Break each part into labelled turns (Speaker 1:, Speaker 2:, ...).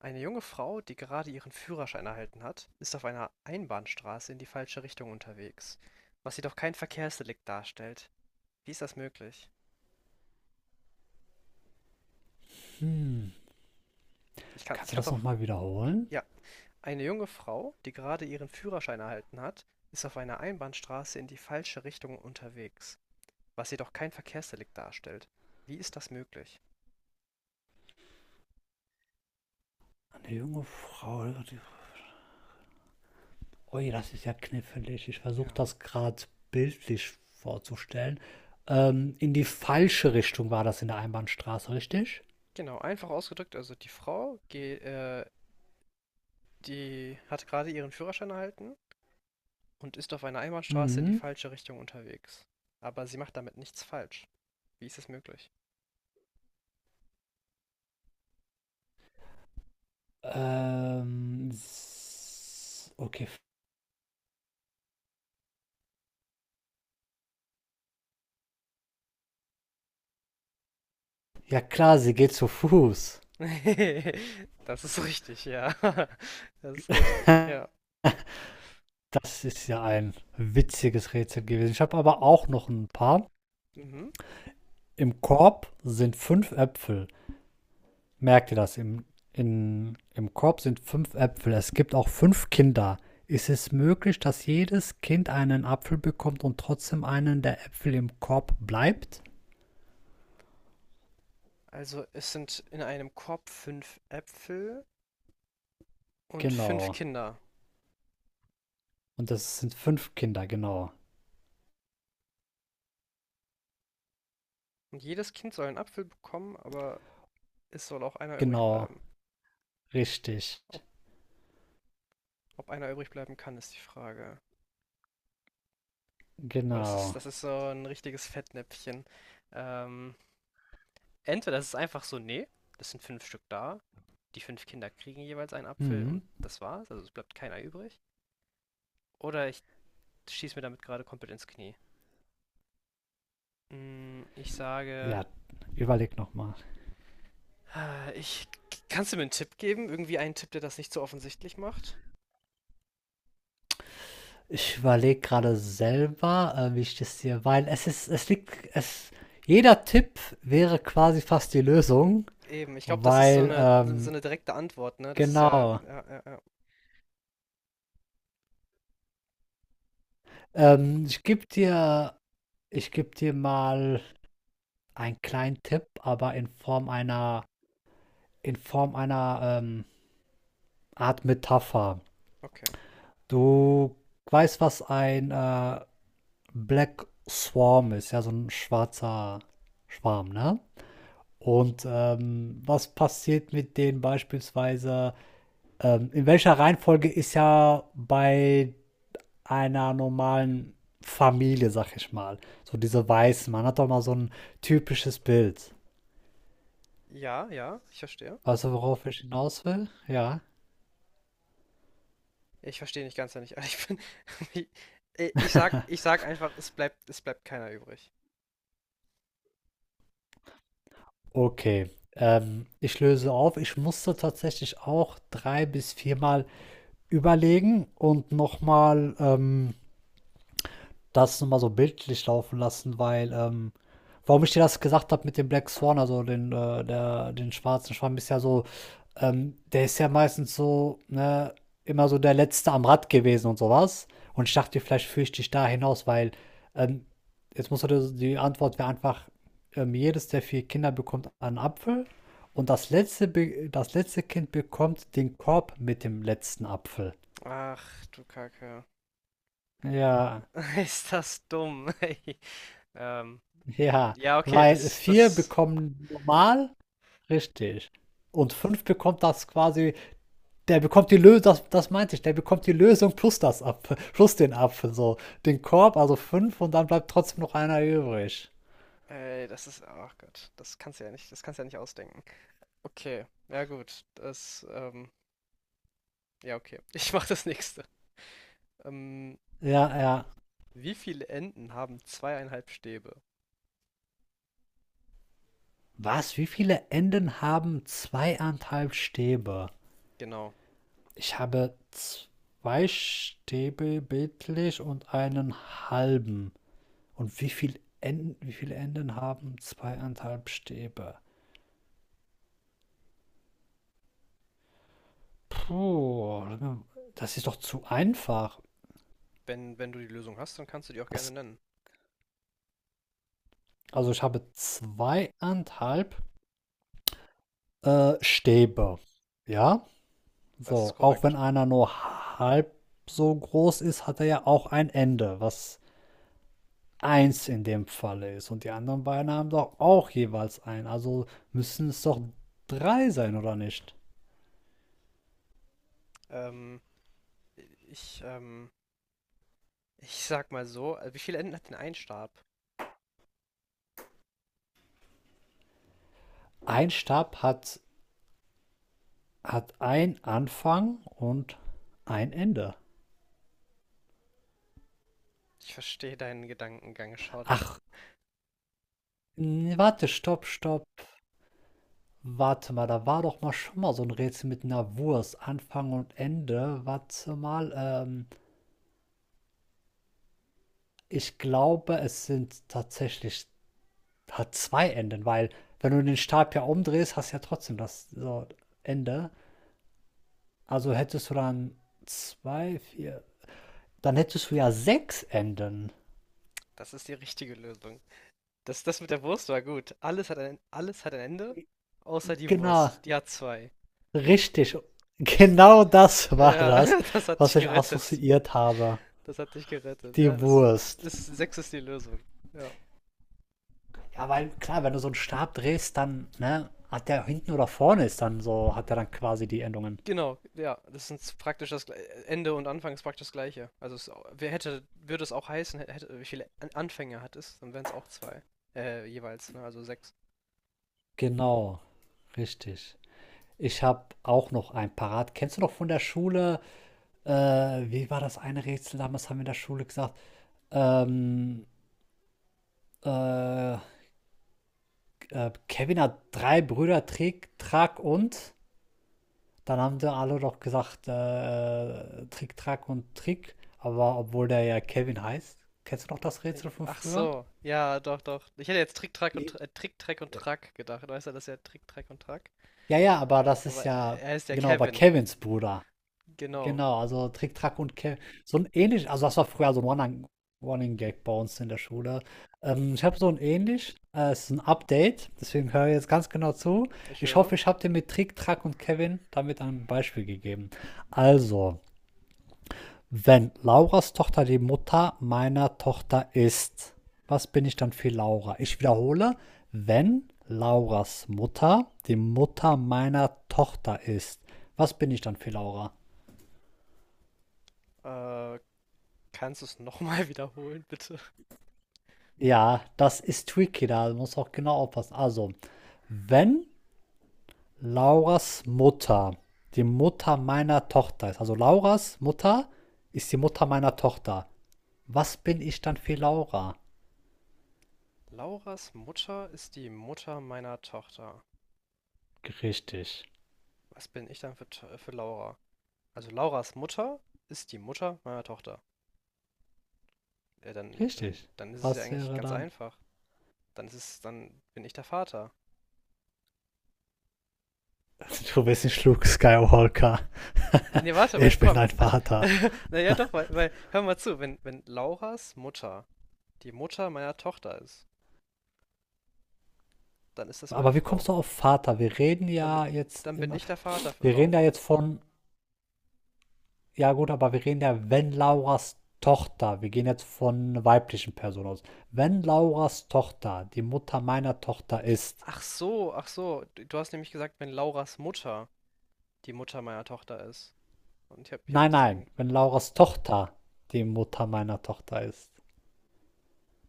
Speaker 1: Eine junge Frau, die gerade ihren Führerschein erhalten hat, ist auf einer Einbahnstraße in die falsche Richtung unterwegs, was jedoch kein Verkehrsdelikt darstellt. Wie ist das möglich?
Speaker 2: Hm,
Speaker 1: Ich kann, ich
Speaker 2: Kannst du
Speaker 1: kann's
Speaker 2: das
Speaker 1: auch,
Speaker 2: nochmal wiederholen?
Speaker 1: ja. Eine junge Frau, die gerade ihren Führerschein erhalten hat, ist auf einer Einbahnstraße in die falsche Richtung unterwegs, was jedoch kein Verkehrsdelikt darstellt. Wie ist das möglich?
Speaker 2: Eine junge Frau. Ui, das ist ja knifflig. Ich versuche
Speaker 1: Ja.
Speaker 2: das gerade bildlich vorzustellen. In die falsche Richtung war das in der Einbahnstraße, richtig?
Speaker 1: Genau, einfach ausgedrückt, also die Frau, die hat gerade ihren Führerschein erhalten und ist auf einer Einbahnstraße in die
Speaker 2: Mhm.
Speaker 1: falsche Richtung unterwegs. Aber sie macht damit nichts falsch. Wie ist es möglich?
Speaker 2: Okay. Ja klar, sie geht zu Fuß.
Speaker 1: Das ist richtig, ja. Das ist richtig, ja.
Speaker 2: Das ist ja ein witziges Rätsel gewesen. Ich habe aber auch noch ein paar.
Speaker 1: Mhm.
Speaker 2: Im Korb sind fünf Äpfel. Merkt ihr, im Korb sind fünf Äpfel, es gibt auch fünf Kinder. Ist es möglich, dass jedes Kind einen Apfel bekommt und trotzdem einen der Äpfel im Korb bleibt?
Speaker 1: Also es sind in einem Korb fünf Äpfel und fünf
Speaker 2: Genau.
Speaker 1: Kinder.
Speaker 2: Und das sind fünf Kinder, genau.
Speaker 1: Und jedes Kind soll einen Apfel bekommen, aber es soll auch einer übrig
Speaker 2: Genau,
Speaker 1: bleiben.
Speaker 2: richtig.
Speaker 1: Ob, ob einer übrig bleiben kann, ist die Frage. Boah, das ist,
Speaker 2: Genau.
Speaker 1: das ist so ein richtiges Fettnäpfchen. Ähm, Entweder das ist einfach so, nee, das sind fünf Stück da. Die fünf Kinder kriegen jeweils einen Apfel
Speaker 2: Hm.
Speaker 1: und das war's, also es bleibt keiner übrig. Oder ich schieße mir damit gerade komplett ins Knie. Mm, Ich sage,
Speaker 2: Ja, überleg nochmal.
Speaker 1: äh, ich, kannst du mir einen Tipp geben? Irgendwie einen Tipp, der das nicht so offensichtlich macht?
Speaker 2: Ich überlege gerade selber, wie ich das hier, weil es ist, es liegt, jeder Tipp wäre quasi fast die Lösung,
Speaker 1: Eben, ich glaube, das ist so
Speaker 2: weil
Speaker 1: eine, so eine direkte Antwort, ne? Das ist ja,
Speaker 2: Genau.
Speaker 1: ja, ja, ja,
Speaker 2: Ähm, ich gebe dir, Ich geb dir mal einen kleinen Tipp, aber in Form einer Art Metapher.
Speaker 1: okay.
Speaker 2: Du weißt, was ein Black Swarm ist, ja, so ein schwarzer Schwarm, ne? Und was passiert mit denen beispielsweise? In welcher Reihenfolge ist ja bei einer normalen Familie, sag ich mal. So diese Weißen. Man hat doch mal so ein typisches Bild.
Speaker 1: Ja, ja, ich verstehe.
Speaker 2: Weißt du, worauf ich hinaus will? Ja.
Speaker 1: Ich verstehe nicht ganz, wenn ich ehrlich bin. Ich sag einfach, es bleibt keiner übrig.
Speaker 2: Okay. Ich löse auf. Ich musste tatsächlich auch drei bis viermal überlegen und nochmal das nur mal so bildlich laufen lassen, weil, warum ich dir das gesagt habe mit dem Black Swan, also den schwarzen Schwamm, ist ja so, der ist ja meistens so, ne, immer so der Letzte am Rad gewesen und sowas. Und ich dachte, vielleicht führe ich dich da hinaus, weil ähm, jetzt muss die Antwort wäre einfach, jedes der vier Kinder bekommt einen Apfel und das letzte Kind bekommt den Korb mit dem letzten Apfel.
Speaker 1: Ach, du Kacke.
Speaker 2: Ja,
Speaker 1: Ist das dumm, ey. Ähm,
Speaker 2: ja,
Speaker 1: Ja, okay,
Speaker 2: weil 4 bekommen normal, richtig. Und
Speaker 1: das,
Speaker 2: fünf bekommt das quasi, der bekommt die Lösung, das meinte ich, der bekommt die Lösung plus plus den Apfel, so. Den Korb, also 5 und dann bleibt trotzdem noch einer übrig.
Speaker 1: das ist, ach Gott, das kannst du ja nicht, das kannst du ja nicht ausdenken. Okay, ja gut, ja okay, ich mach das nächste. Ähm,
Speaker 2: Ja, ja.
Speaker 1: Wie viele Enden haben zweieinhalb Stäbe?
Speaker 2: Was? Wie viele Enden haben zweieinhalb Stäbe?
Speaker 1: Genau,
Speaker 2: Ich habe zwei Stäbe bildlich und einen halben. Und wie viele Enden haben zweieinhalb Stäbe? Puh, das ist doch zu einfach.
Speaker 1: wenn du die Lösung hast, dann kannst du die auch gerne
Speaker 2: Das,
Speaker 1: nennen.
Speaker 2: also ich habe zweieinhalb Stäbe. Ja,
Speaker 1: Das ist
Speaker 2: so. Auch wenn
Speaker 1: korrekt.
Speaker 2: einer nur halb so groß ist, hat er ja auch ein Ende, was eins in dem Falle ist. Und die anderen beiden haben doch auch jeweils ein. Also müssen es doch drei sein, oder nicht?
Speaker 1: Ähm, ich, ähm, ich sag mal so, wie viele Enden hat denn ein Stab?
Speaker 2: Ein Stab hat ein Anfang und ein Ende.
Speaker 1: Ich verstehe deinen Gedankengang schon.
Speaker 2: Ach, nee, warte, stopp, stopp. Warte mal, da war doch mal schon mal so ein Rätsel mit einer Wurst, Anfang und Ende. Warte mal, ich glaube, es sind tatsächlich hat 2 Enden, weil wenn du den Stab ja umdrehst, hast du ja trotzdem das so Ende. Also hättest du dann 2 4, dann hättest du ja sechs Enden.
Speaker 1: Das ist die richtige Lösung. Das mit der Wurst war gut. Alles hat ein Ende, außer die
Speaker 2: Genau,
Speaker 1: Wurst. Die hat zwei.
Speaker 2: richtig. Genau das war
Speaker 1: Ja,
Speaker 2: das,
Speaker 1: das hat dich
Speaker 2: was ich
Speaker 1: gerettet.
Speaker 2: assoziiert habe.
Speaker 1: Das hat dich gerettet. Ja,
Speaker 2: Die Wurst.
Speaker 1: sechs ist die Lösung. Ja.
Speaker 2: Ja, weil klar, wenn du so einen Stab drehst, dann, ne, hat der hinten oder vorne ist dann so, hat er dann quasi die Endungen.
Speaker 1: Genau, ja, das sind praktisch das Gle- Ende und Anfang ist praktisch das Gleiche. Also wer hätte, würde es auch heißen, hätte, wie viele Anfänger hat es, dann wären es auch zwei. Jeweils, ne? Also sechs.
Speaker 2: Genau, richtig. Ich habe auch noch ein parat. Kennst du noch von der Schule, äh, wie war das eine Rätsel damals, haben wir in der Schule gesagt? Ähm, äh, Kevin hat drei Brüder, Trick, Track und. Dann haben sie alle doch gesagt, Trick, Track und Trick. Aber obwohl der ja Kevin heißt. Kennst du noch das Rätsel von
Speaker 1: Ach
Speaker 2: früher?
Speaker 1: so, ja, doch, doch. Ich hätte jetzt Trick, Track und
Speaker 2: Wie?
Speaker 1: Trick, Track und Track gedacht. Weißt du, das ist ja Trick, Track und Track.
Speaker 2: Ja, ja, aber das ist
Speaker 1: Aber
Speaker 2: ja,
Speaker 1: er ist ja
Speaker 2: genau, aber
Speaker 1: Kevin.
Speaker 2: Kevins Bruder.
Speaker 1: Genau,
Speaker 2: Genau, also Trick, Track und Kevin. So ein ähnlich, also das war früher so ein Running Gag bei uns in der Schule. Ich habe so ein ähnlich, es ist ein Update, deswegen höre ich jetzt ganz genau zu.
Speaker 1: ich
Speaker 2: Ich
Speaker 1: höre.
Speaker 2: hoffe, ich habe dir mit Trick, Track und Kevin damit ein Beispiel gegeben. Also, wenn Lauras Tochter die Mutter meiner Tochter ist, was bin ich dann für Laura? Ich wiederhole, wenn Lauras Mutter die Mutter meiner Tochter ist, was bin ich dann für Laura?
Speaker 1: Äh, Kannst du es nochmal wiederholen, bitte?
Speaker 2: Ja, das ist tricky, da muss auch genau aufpassen. Also, wenn Lauras Mutter die Mutter meiner Tochter ist, also Lauras Mutter ist die Mutter meiner Tochter, was bin ich dann für Laura?
Speaker 1: Lauras Mutter ist die Mutter meiner Tochter.
Speaker 2: Richtig.
Speaker 1: Was bin ich dann für Laura? Also Lauras Mutter ist die Mutter meiner Tochter. Ja, dann, dann,
Speaker 2: Richtig.
Speaker 1: dann ist es ja
Speaker 2: Was
Speaker 1: eigentlich
Speaker 2: wäre
Speaker 1: ganz
Speaker 2: dann?
Speaker 1: einfach. Dann bin ich der Vater.
Speaker 2: Du bist nicht Schluck Skywalker.
Speaker 1: Nee, warte,
Speaker 2: Ich bin
Speaker 1: komm,
Speaker 2: ein
Speaker 1: warte.
Speaker 2: Vater.
Speaker 1: Naja, doch, weil, hör mal zu, wenn Lauras Mutter die Mutter meiner Tochter ist, dann ist das meine
Speaker 2: Aber wie
Speaker 1: Frau.
Speaker 2: kommst du auf Vater?
Speaker 1: Dann bin, dann bin ich der Vater für
Speaker 2: Wir reden ja
Speaker 1: Laura.
Speaker 2: jetzt von, ja gut, aber wir reden ja, wenn Lauras Tochter, wir gehen jetzt von weiblichen Personen aus. Wenn Lauras Tochter die Mutter meiner Tochter ist.
Speaker 1: Ach so, ach so. Du hast nämlich gesagt, wenn Lauras Mutter die Mutter meiner Tochter ist. Und ich hab
Speaker 2: Nein, nein,
Speaker 1: deswegen,
Speaker 2: wenn Lauras Tochter die Mutter meiner Tochter ist.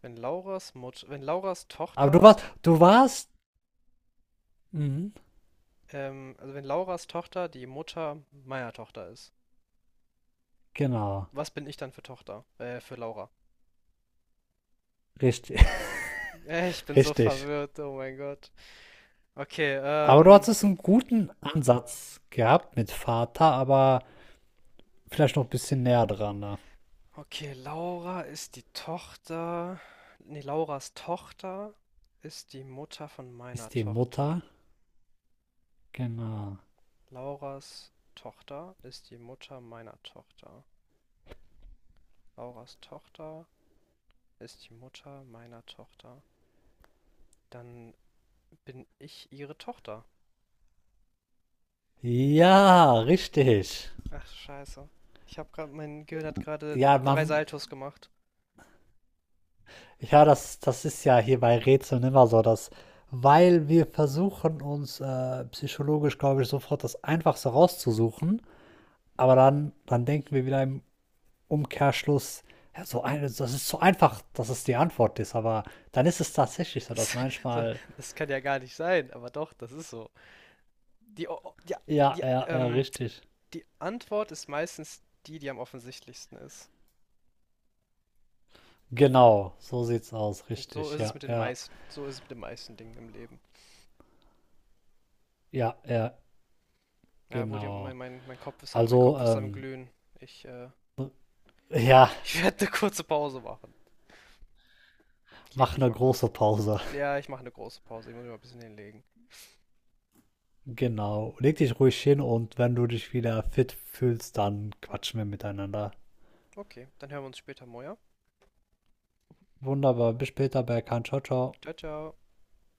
Speaker 1: wenn Lauras Mutter, wenn Lauras
Speaker 2: Aber du
Speaker 1: Tochter,
Speaker 2: warst, du warst, mhm,
Speaker 1: also wenn Lauras Tochter die Mutter meiner Tochter ist.
Speaker 2: genau,
Speaker 1: Was bin ich dann für Tochter? Für Laura.
Speaker 2: richtig,
Speaker 1: Ich bin so
Speaker 2: richtig.
Speaker 1: verwirrt, oh mein Gott. Okay,
Speaker 2: Aber du hattest einen guten Ansatz gehabt mit Vater, aber vielleicht noch ein bisschen näher dran. Ne?
Speaker 1: okay, Laura ist die Tochter. Nee, Lauras Tochter ist die Mutter von meiner
Speaker 2: Ist die
Speaker 1: Tochter.
Speaker 2: Mutter? Genau.
Speaker 1: Lauras Tochter ist die Mutter meiner Tochter. Lauras Tochter ist die Mutter meiner Tochter. Dann bin ich ihre Tochter.
Speaker 2: Ja, richtig.
Speaker 1: Ach, scheiße. Mein Gehirn hat gerade
Speaker 2: Ja,
Speaker 1: drei
Speaker 2: man,
Speaker 1: Saltos gemacht.
Speaker 2: ja, das ist ja hier bei Rätseln immer so, dass, weil wir versuchen uns psychologisch, glaube ich, sofort das Einfachste rauszusuchen, aber dann denken wir wieder im Umkehrschluss, ja, so ein, das ist so einfach, dass es die Antwort ist, aber dann ist es tatsächlich so, dass
Speaker 1: Das, so,
Speaker 2: manchmal
Speaker 1: das kann ja gar nicht sein, aber doch, das ist so. Die, o- o- die,
Speaker 2: Ja,
Speaker 1: die,
Speaker 2: ja, ja,
Speaker 1: ähm,
Speaker 2: richtig.
Speaker 1: die Antwort ist meistens die, die am offensichtlichsten ist.
Speaker 2: Genau, so sieht's aus,
Speaker 1: Und
Speaker 2: richtig. Ja, ja,
Speaker 1: so ist es mit den meisten Dingen im Leben.
Speaker 2: ja, ja,
Speaker 1: Ja, wo die,
Speaker 2: genau.
Speaker 1: mein Kopf ist am, mein
Speaker 2: Also,
Speaker 1: Kopf ist am Glühen. Ich, äh,
Speaker 2: ja,
Speaker 1: Ich werde eine kurze Pause machen. Ich leg
Speaker 2: mach
Speaker 1: mich
Speaker 2: eine
Speaker 1: mal
Speaker 2: große
Speaker 1: kurz.
Speaker 2: Pause.
Speaker 1: Ja, ich mache eine große Pause. Ich muss mich mal ein bisschen hinlegen.
Speaker 2: Genau. Leg dich ruhig hin und wenn du dich wieder fit fühlst, dann quatschen wir miteinander.
Speaker 1: Okay, dann hören wir uns später, Moja.
Speaker 2: Wunderbar, bis später, Berkan. Ciao, ciao.
Speaker 1: Ciao, ciao.